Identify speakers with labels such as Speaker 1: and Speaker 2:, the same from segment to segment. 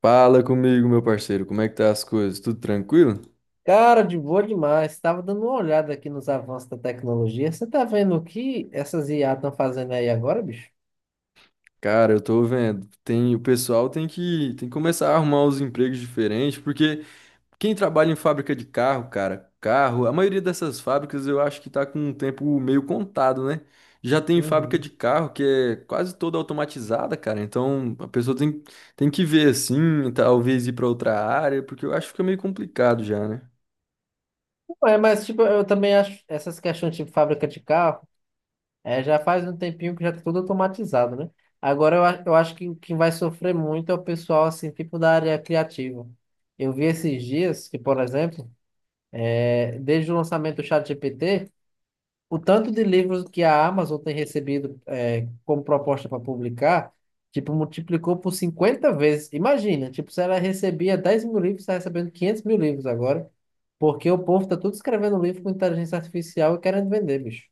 Speaker 1: Fala comigo, meu parceiro, como é que tá as coisas? Tudo tranquilo?
Speaker 2: Cara, de boa demais. Estava dando uma olhada aqui nos avanços da tecnologia. Você tá vendo o que essas IA estão fazendo aí agora, bicho?
Speaker 1: Cara, eu tô vendo, tem, o pessoal tem que começar a arrumar os empregos diferentes, porque quem trabalha em fábrica de carro, cara, carro, a maioria dessas fábricas eu acho que tá com um tempo meio contado, né? Já tem fábrica
Speaker 2: Uhum.
Speaker 1: de carro que é quase toda automatizada, cara, então a tem que ver assim, talvez ir pra outra área, porque eu acho que fica meio complicado já, né?
Speaker 2: Ué, mas, tipo, eu também acho essas questões tipo fábrica de carro, já faz um tempinho que já tá tudo automatizado, né? Agora eu acho que quem vai sofrer muito é o pessoal, assim, tipo da área criativa. Eu vi esses dias que, por exemplo, desde o lançamento do ChatGPT, o tanto de livros que a Amazon tem recebido como proposta para publicar, tipo, multiplicou por 50 vezes. Imagina, tipo, se ela recebia 10 mil livros, está recebendo 500 mil livros agora, porque o povo tá tudo escrevendo livro com inteligência artificial e querendo vender, bicho.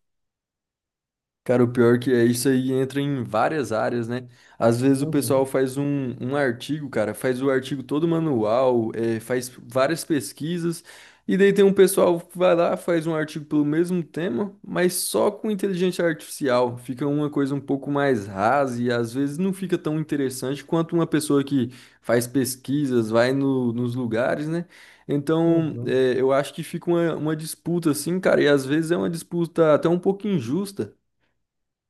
Speaker 1: Cara, o pior que é isso aí entra em várias áreas, né? Às vezes o pessoal
Speaker 2: Uhum,
Speaker 1: faz um artigo, cara, faz o artigo todo manual, faz várias pesquisas, e daí tem um pessoal que vai lá, faz um artigo pelo mesmo tema, mas só com inteligência artificial. Fica uma coisa um pouco mais rasa e às vezes não fica tão interessante quanto uma pessoa que faz pesquisas, vai nos lugares, né? Então,
Speaker 2: uhum.
Speaker 1: eu acho que fica uma disputa assim, cara, e às vezes é uma disputa até um pouco injusta.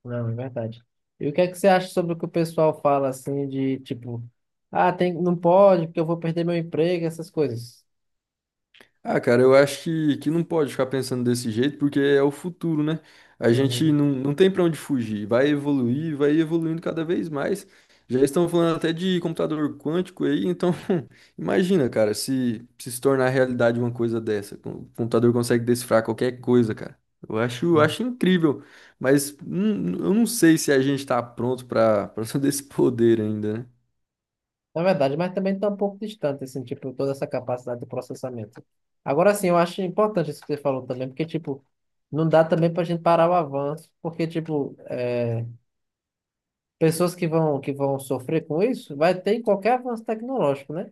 Speaker 2: Não, é verdade. E o que é que você acha sobre o que o pessoal fala, assim, de, tipo, ah, tem, não pode, porque eu vou perder meu emprego, essas coisas?
Speaker 1: Ah, cara, eu acho que não pode ficar pensando desse jeito, porque é o futuro, né? A gente
Speaker 2: Uhum.
Speaker 1: não tem pra onde fugir, vai evoluir, vai evoluindo cada vez mais. Já estão falando até de computador quântico aí, então imagina, cara, se se tornar realidade uma coisa dessa. O computador consegue decifrar qualquer coisa, cara. Eu acho incrível, mas eu não sei se a gente tá pronto pra para todo esse poder ainda, né?
Speaker 2: Na verdade, mas também está um pouco distante, assim, tipo, toda essa capacidade de processamento. Agora, sim, eu acho importante isso que você falou também, porque, tipo, não dá também para a gente parar o avanço, porque, tipo, pessoas que vão sofrer com isso, vai ter em qualquer avanço tecnológico, né?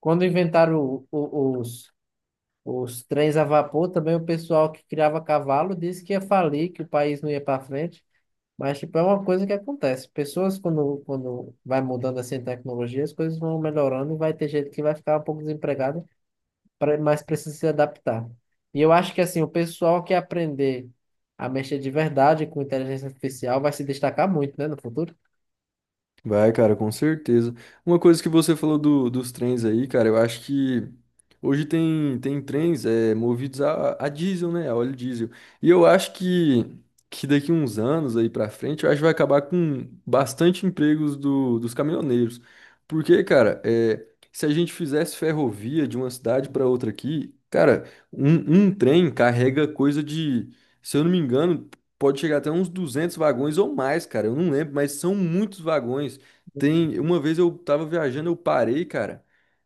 Speaker 2: Quando inventaram os trens a vapor, também o pessoal que criava cavalo disse que ia falir, que o país não ia para frente. Mas, tipo, é uma coisa que acontece. Pessoas, quando vai mudando assim a tecnologia, as coisas vão melhorando e vai ter gente que vai ficar um pouco desempregado, mas precisa se adaptar. E eu acho que, assim, o pessoal que aprender a mexer de verdade com inteligência artificial vai se destacar muito, né, no futuro.
Speaker 1: Vai, cara, com certeza. Uma coisa que você falou dos trens aí, cara, eu acho que hoje tem trens movidos a diesel, né? A óleo diesel. E eu acho que daqui uns anos aí pra frente, eu acho que vai acabar com bastante empregos dos caminhoneiros. Porque, cara, se a gente fizesse ferrovia de uma cidade pra outra aqui, cara, um trem carrega coisa de, se eu não me engano, pode chegar até uns 200 vagões ou mais, cara. Eu não lembro, mas são muitos vagões. Tem, uma vez eu tava viajando, eu parei, cara.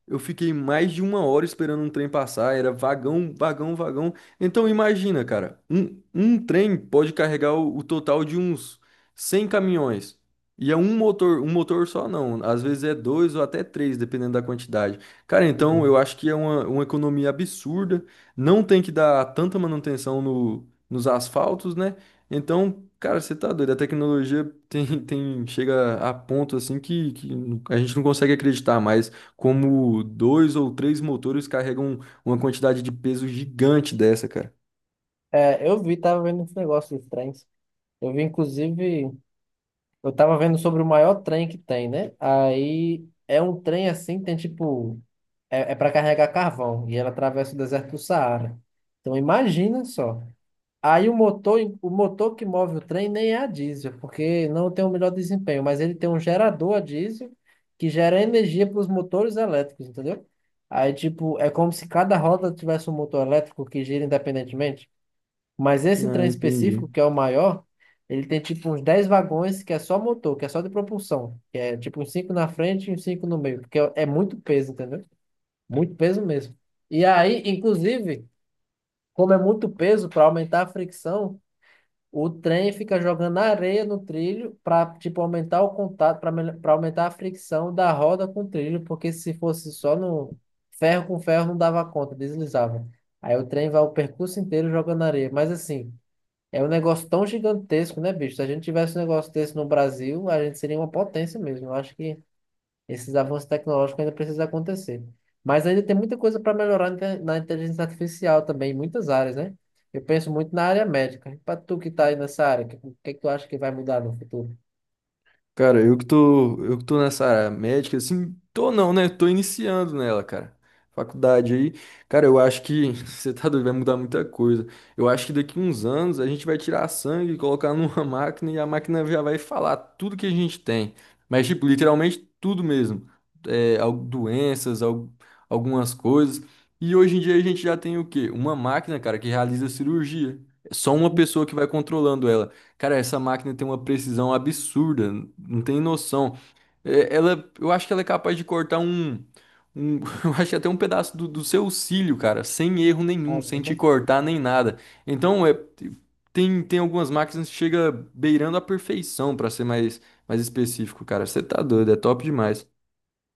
Speaker 1: Eu fiquei mais de uma hora esperando um trem passar. Era vagão, vagão, vagão. Então imagina, cara, um trem pode carregar o total de uns 100 caminhões. E é um motor só não. Às vezes é dois ou até três, dependendo da quantidade. Cara, então
Speaker 2: Uhum.
Speaker 1: eu acho que é uma economia absurda. Não tem que dar tanta manutenção no, nos asfaltos, né? Então, cara, você tá doido. A tecnologia tem, chega a ponto assim que a gente não consegue acreditar mais como dois ou três motores carregam uma quantidade de peso gigante dessa, cara.
Speaker 2: É, eu vi, tava vendo uns negócios estranhos. Eu vi, inclusive. Eu tava vendo sobre o maior trem que tem, né? Aí é um trem assim, tem tipo. É, para carregar carvão. E ela atravessa o deserto do Saara. Então imagina só. Aí o motor que move o trem nem é a diesel, porque não tem o melhor desempenho, mas ele tem um gerador a diesel que gera energia para os motores elétricos, entendeu? Aí, tipo, é como se cada roda tivesse um motor elétrico que gira independentemente. Mas esse
Speaker 1: Ah,
Speaker 2: trem
Speaker 1: entendi.
Speaker 2: específico, que é o maior, ele tem tipo uns 10 vagões que é só motor, que é só de propulsão. Que é tipo uns 5 na frente e uns 5 no meio. Porque é muito peso, entendeu? Muito peso mesmo. E aí, inclusive, como é muito peso, para aumentar a fricção, o trem fica jogando areia no trilho para tipo aumentar o contato, para aumentar a fricção da roda com o trilho, porque se fosse só no ferro com ferro não dava conta, deslizava. Aí o trem vai o percurso inteiro jogando areia. Mas assim. É um negócio tão gigantesco, né, bicho? Se a gente tivesse um negócio desse no Brasil, a gente seria uma potência mesmo. Eu acho que esses avanços tecnológicos ainda precisam acontecer. Mas ainda tem muita coisa para melhorar na inteligência artificial também, em muitas áreas, né? Eu penso muito na área médica. Para tu que está aí nessa área, o que que tu acha que vai mudar no futuro?
Speaker 1: Cara, eu que tô nessa área médica, assim, tô não, né? Tô iniciando nela, cara. Faculdade aí. Cara, eu acho que você tá doido, vai mudar muita coisa. Eu acho que daqui uns anos a gente vai tirar sangue, e colocar numa máquina e a máquina já vai falar tudo que a gente tem. Mas, tipo, literalmente tudo mesmo. É, doenças, algumas coisas. E hoje em dia a gente já tem o quê? Uma máquina, cara, que realiza cirurgia. É só uma pessoa que vai controlando ela. Cara, essa máquina tem uma precisão absurda, não tem noção. É, ela, eu acho que ela é capaz de cortar um- eu acho que até um pedaço do seu cílio, cara, sem erro nenhum, sem te
Speaker 2: Caramba.
Speaker 1: cortar nem nada. Então, tem, tem algumas máquinas que chega beirando a perfeição, pra ser mais específico, cara. Você tá doido, é top demais.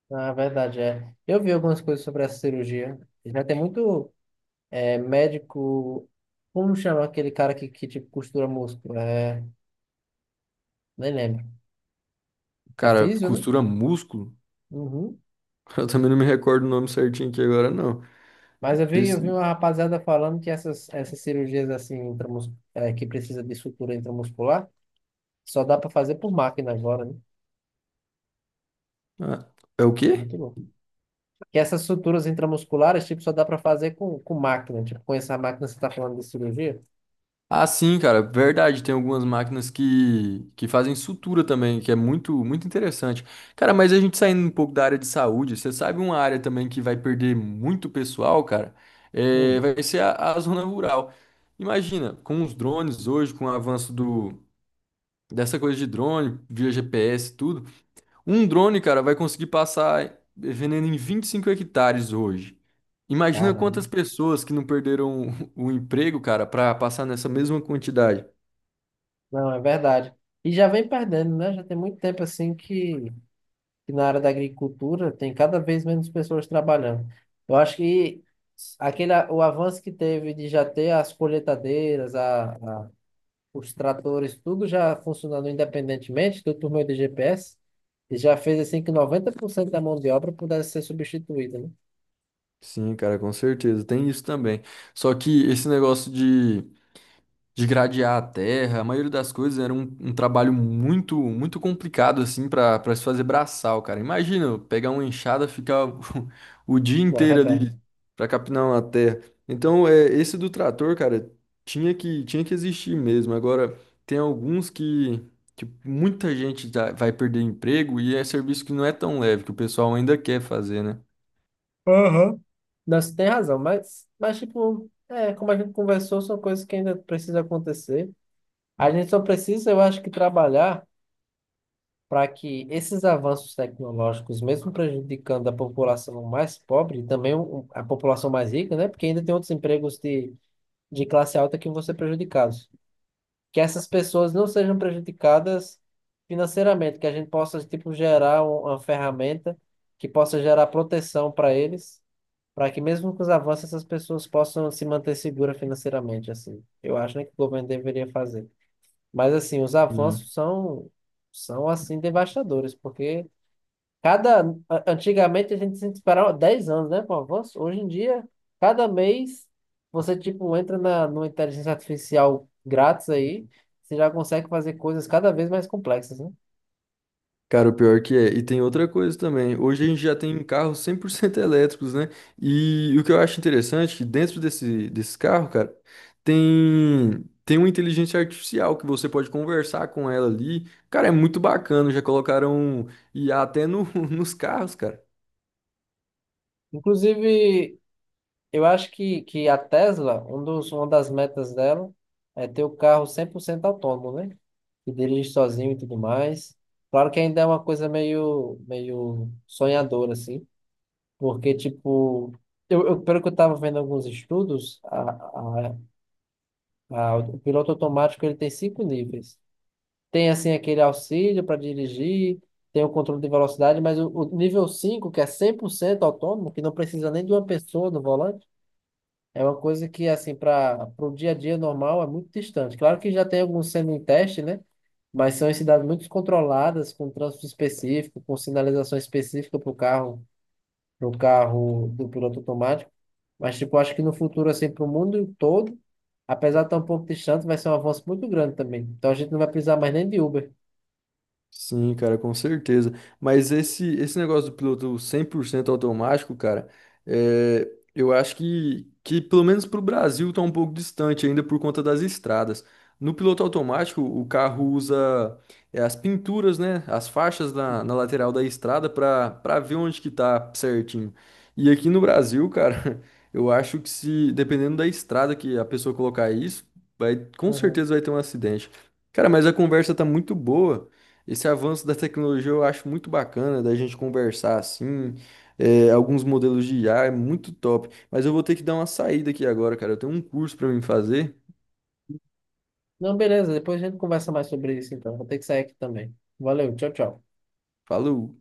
Speaker 2: Na verdade, é. Eu vi algumas coisas sobre essa cirurgia. Já tem muito médico. Como chama aquele cara que tipo, costura músculo? Nem lembro. É
Speaker 1: Cara,
Speaker 2: físio, né?
Speaker 1: costura músculo?
Speaker 2: Uhum.
Speaker 1: Eu também não me recordo o nome certinho aqui agora, não.
Speaker 2: Mas eu
Speaker 1: Desse,
Speaker 2: vi uma rapaziada falando essas cirurgias assim, que precisa de sutura intramuscular, só dá para fazer por máquina agora, né?
Speaker 1: ah, é o quê?
Speaker 2: Muito louco. Que essas suturas intramusculares, tipo, só dá para fazer com máquina. Tipo, com essa máquina você tá falando de cirurgia?
Speaker 1: Ah, sim, cara, verdade. Tem algumas máquinas que fazem sutura também, que é muito, muito interessante. Cara, mas a gente saindo um pouco da área de saúde, você sabe uma área também que vai perder muito pessoal, cara? É,
Speaker 2: Hum,
Speaker 1: vai ser a zona rural. Imagina, com os drones hoje, com o avanço dessa coisa de drone, via GPS, e tudo, um drone, cara, vai conseguir passar veneno em 25 hectares hoje. Imagina
Speaker 2: caramba.
Speaker 1: quantas pessoas que não perderam o emprego, cara, para passar nessa mesma quantidade.
Speaker 2: Não, é verdade. E já vem perdendo, né? Já tem muito tempo assim que na área da agricultura tem cada vez menos pessoas trabalhando. Eu acho que o avanço que teve de já ter as colheitadeiras, os tratores, tudo já funcionando independentemente, tudo por meio de GPS, e já fez assim que 90% da mão de obra pudesse ser substituída, né?
Speaker 1: Sim, cara, com certeza. Tem isso também. Só que esse negócio de gradear a terra, a maioria das coisas era um trabalho muito muito complicado, assim, para se fazer braçal, cara. Imagina eu pegar uma enxada, ficar o dia
Speaker 2: Na
Speaker 1: inteiro ali
Speaker 2: verdade.
Speaker 1: para capinar uma terra. Então, esse do trator, cara, tinha que existir mesmo. Agora, tem alguns que muita gente já vai perder emprego e é serviço que não é tão leve, que o pessoal ainda quer fazer, né?
Speaker 2: Aham. Não, você tem razão, mas tipo, é, como a gente conversou, são coisas que ainda precisam acontecer. A gente só precisa, eu acho que, trabalhar para que esses avanços tecnológicos, mesmo prejudicando a população mais pobre, e também a população mais rica, né? Porque ainda tem outros empregos de classe alta que vão ser prejudicados. Que essas pessoas não sejam prejudicadas financeiramente, que a gente possa, tipo, gerar uma ferramenta que possa gerar proteção para eles, para que mesmo com os avanços essas pessoas possam se manter seguras financeiramente, assim. Eu acho, né, que o governo deveria fazer. Mas, assim, os avanços são, são assim, devastadores, porque Cada, antigamente a gente se esperava 10 anos, né, pro avanço. Hoje em dia, cada mês você tipo entra na numa inteligência artificial grátis aí, você já consegue fazer coisas cada vez mais complexas, né?
Speaker 1: Cara, o pior que é. E tem outra coisa também. Hoje a gente já tem carros 100% elétricos, né? E o que eu acho interessante é que dentro desse carro, cara, tem uma inteligência artificial que você pode conversar com ela ali. Cara, é muito bacana. Já colocaram IA até no, nos carros, cara.
Speaker 2: Inclusive, eu acho que a Tesla, uma das metas dela é ter o carro 100% autônomo, né? Que dirige sozinho e tudo mais. Claro que ainda é uma coisa meio sonhadora, assim, porque, tipo, pelo que eu estava vendo alguns estudos, a, o piloto automático ele tem 5 níveis. Tem, assim, aquele auxílio para dirigir, tem o controle de velocidade, mas o nível 5 que é 100% autônomo, que não precisa nem de uma pessoa no volante, é uma coisa que, assim, para o dia a dia normal é muito distante. Claro que já tem alguns sendo em teste, né? Mas são em cidades muito controladas, com trânsito específico, com sinalização específica para o carro do piloto automático. Mas, tipo, acho que no futuro, assim, para o mundo todo, apesar de estar um pouco distante, vai ser um avanço muito grande também. Então a gente não vai precisar mais nem de Uber.
Speaker 1: Sim, cara, com certeza. Mas esse negócio do piloto 100% automático, cara, é, eu acho que pelo menos para o Brasil tá um pouco distante ainda por conta das estradas. No piloto automático, o carro usa as pinturas, né, as faixas na lateral da estrada para ver onde que tá certinho. E aqui no Brasil, cara, eu acho que se dependendo da estrada que a pessoa colocar isso, vai, com
Speaker 2: Uhum.
Speaker 1: certeza vai ter um acidente. Cara, mas a conversa tá muito boa. Esse avanço da tecnologia eu acho muito bacana da gente conversar assim. É, alguns modelos de IA é muito top. Mas eu vou ter que dar uma saída aqui agora, cara. Eu tenho um curso pra mim fazer.
Speaker 2: Não, beleza, depois a gente conversa mais sobre isso, então. Vou ter que sair aqui também. Valeu, tchau, tchau.
Speaker 1: Falou!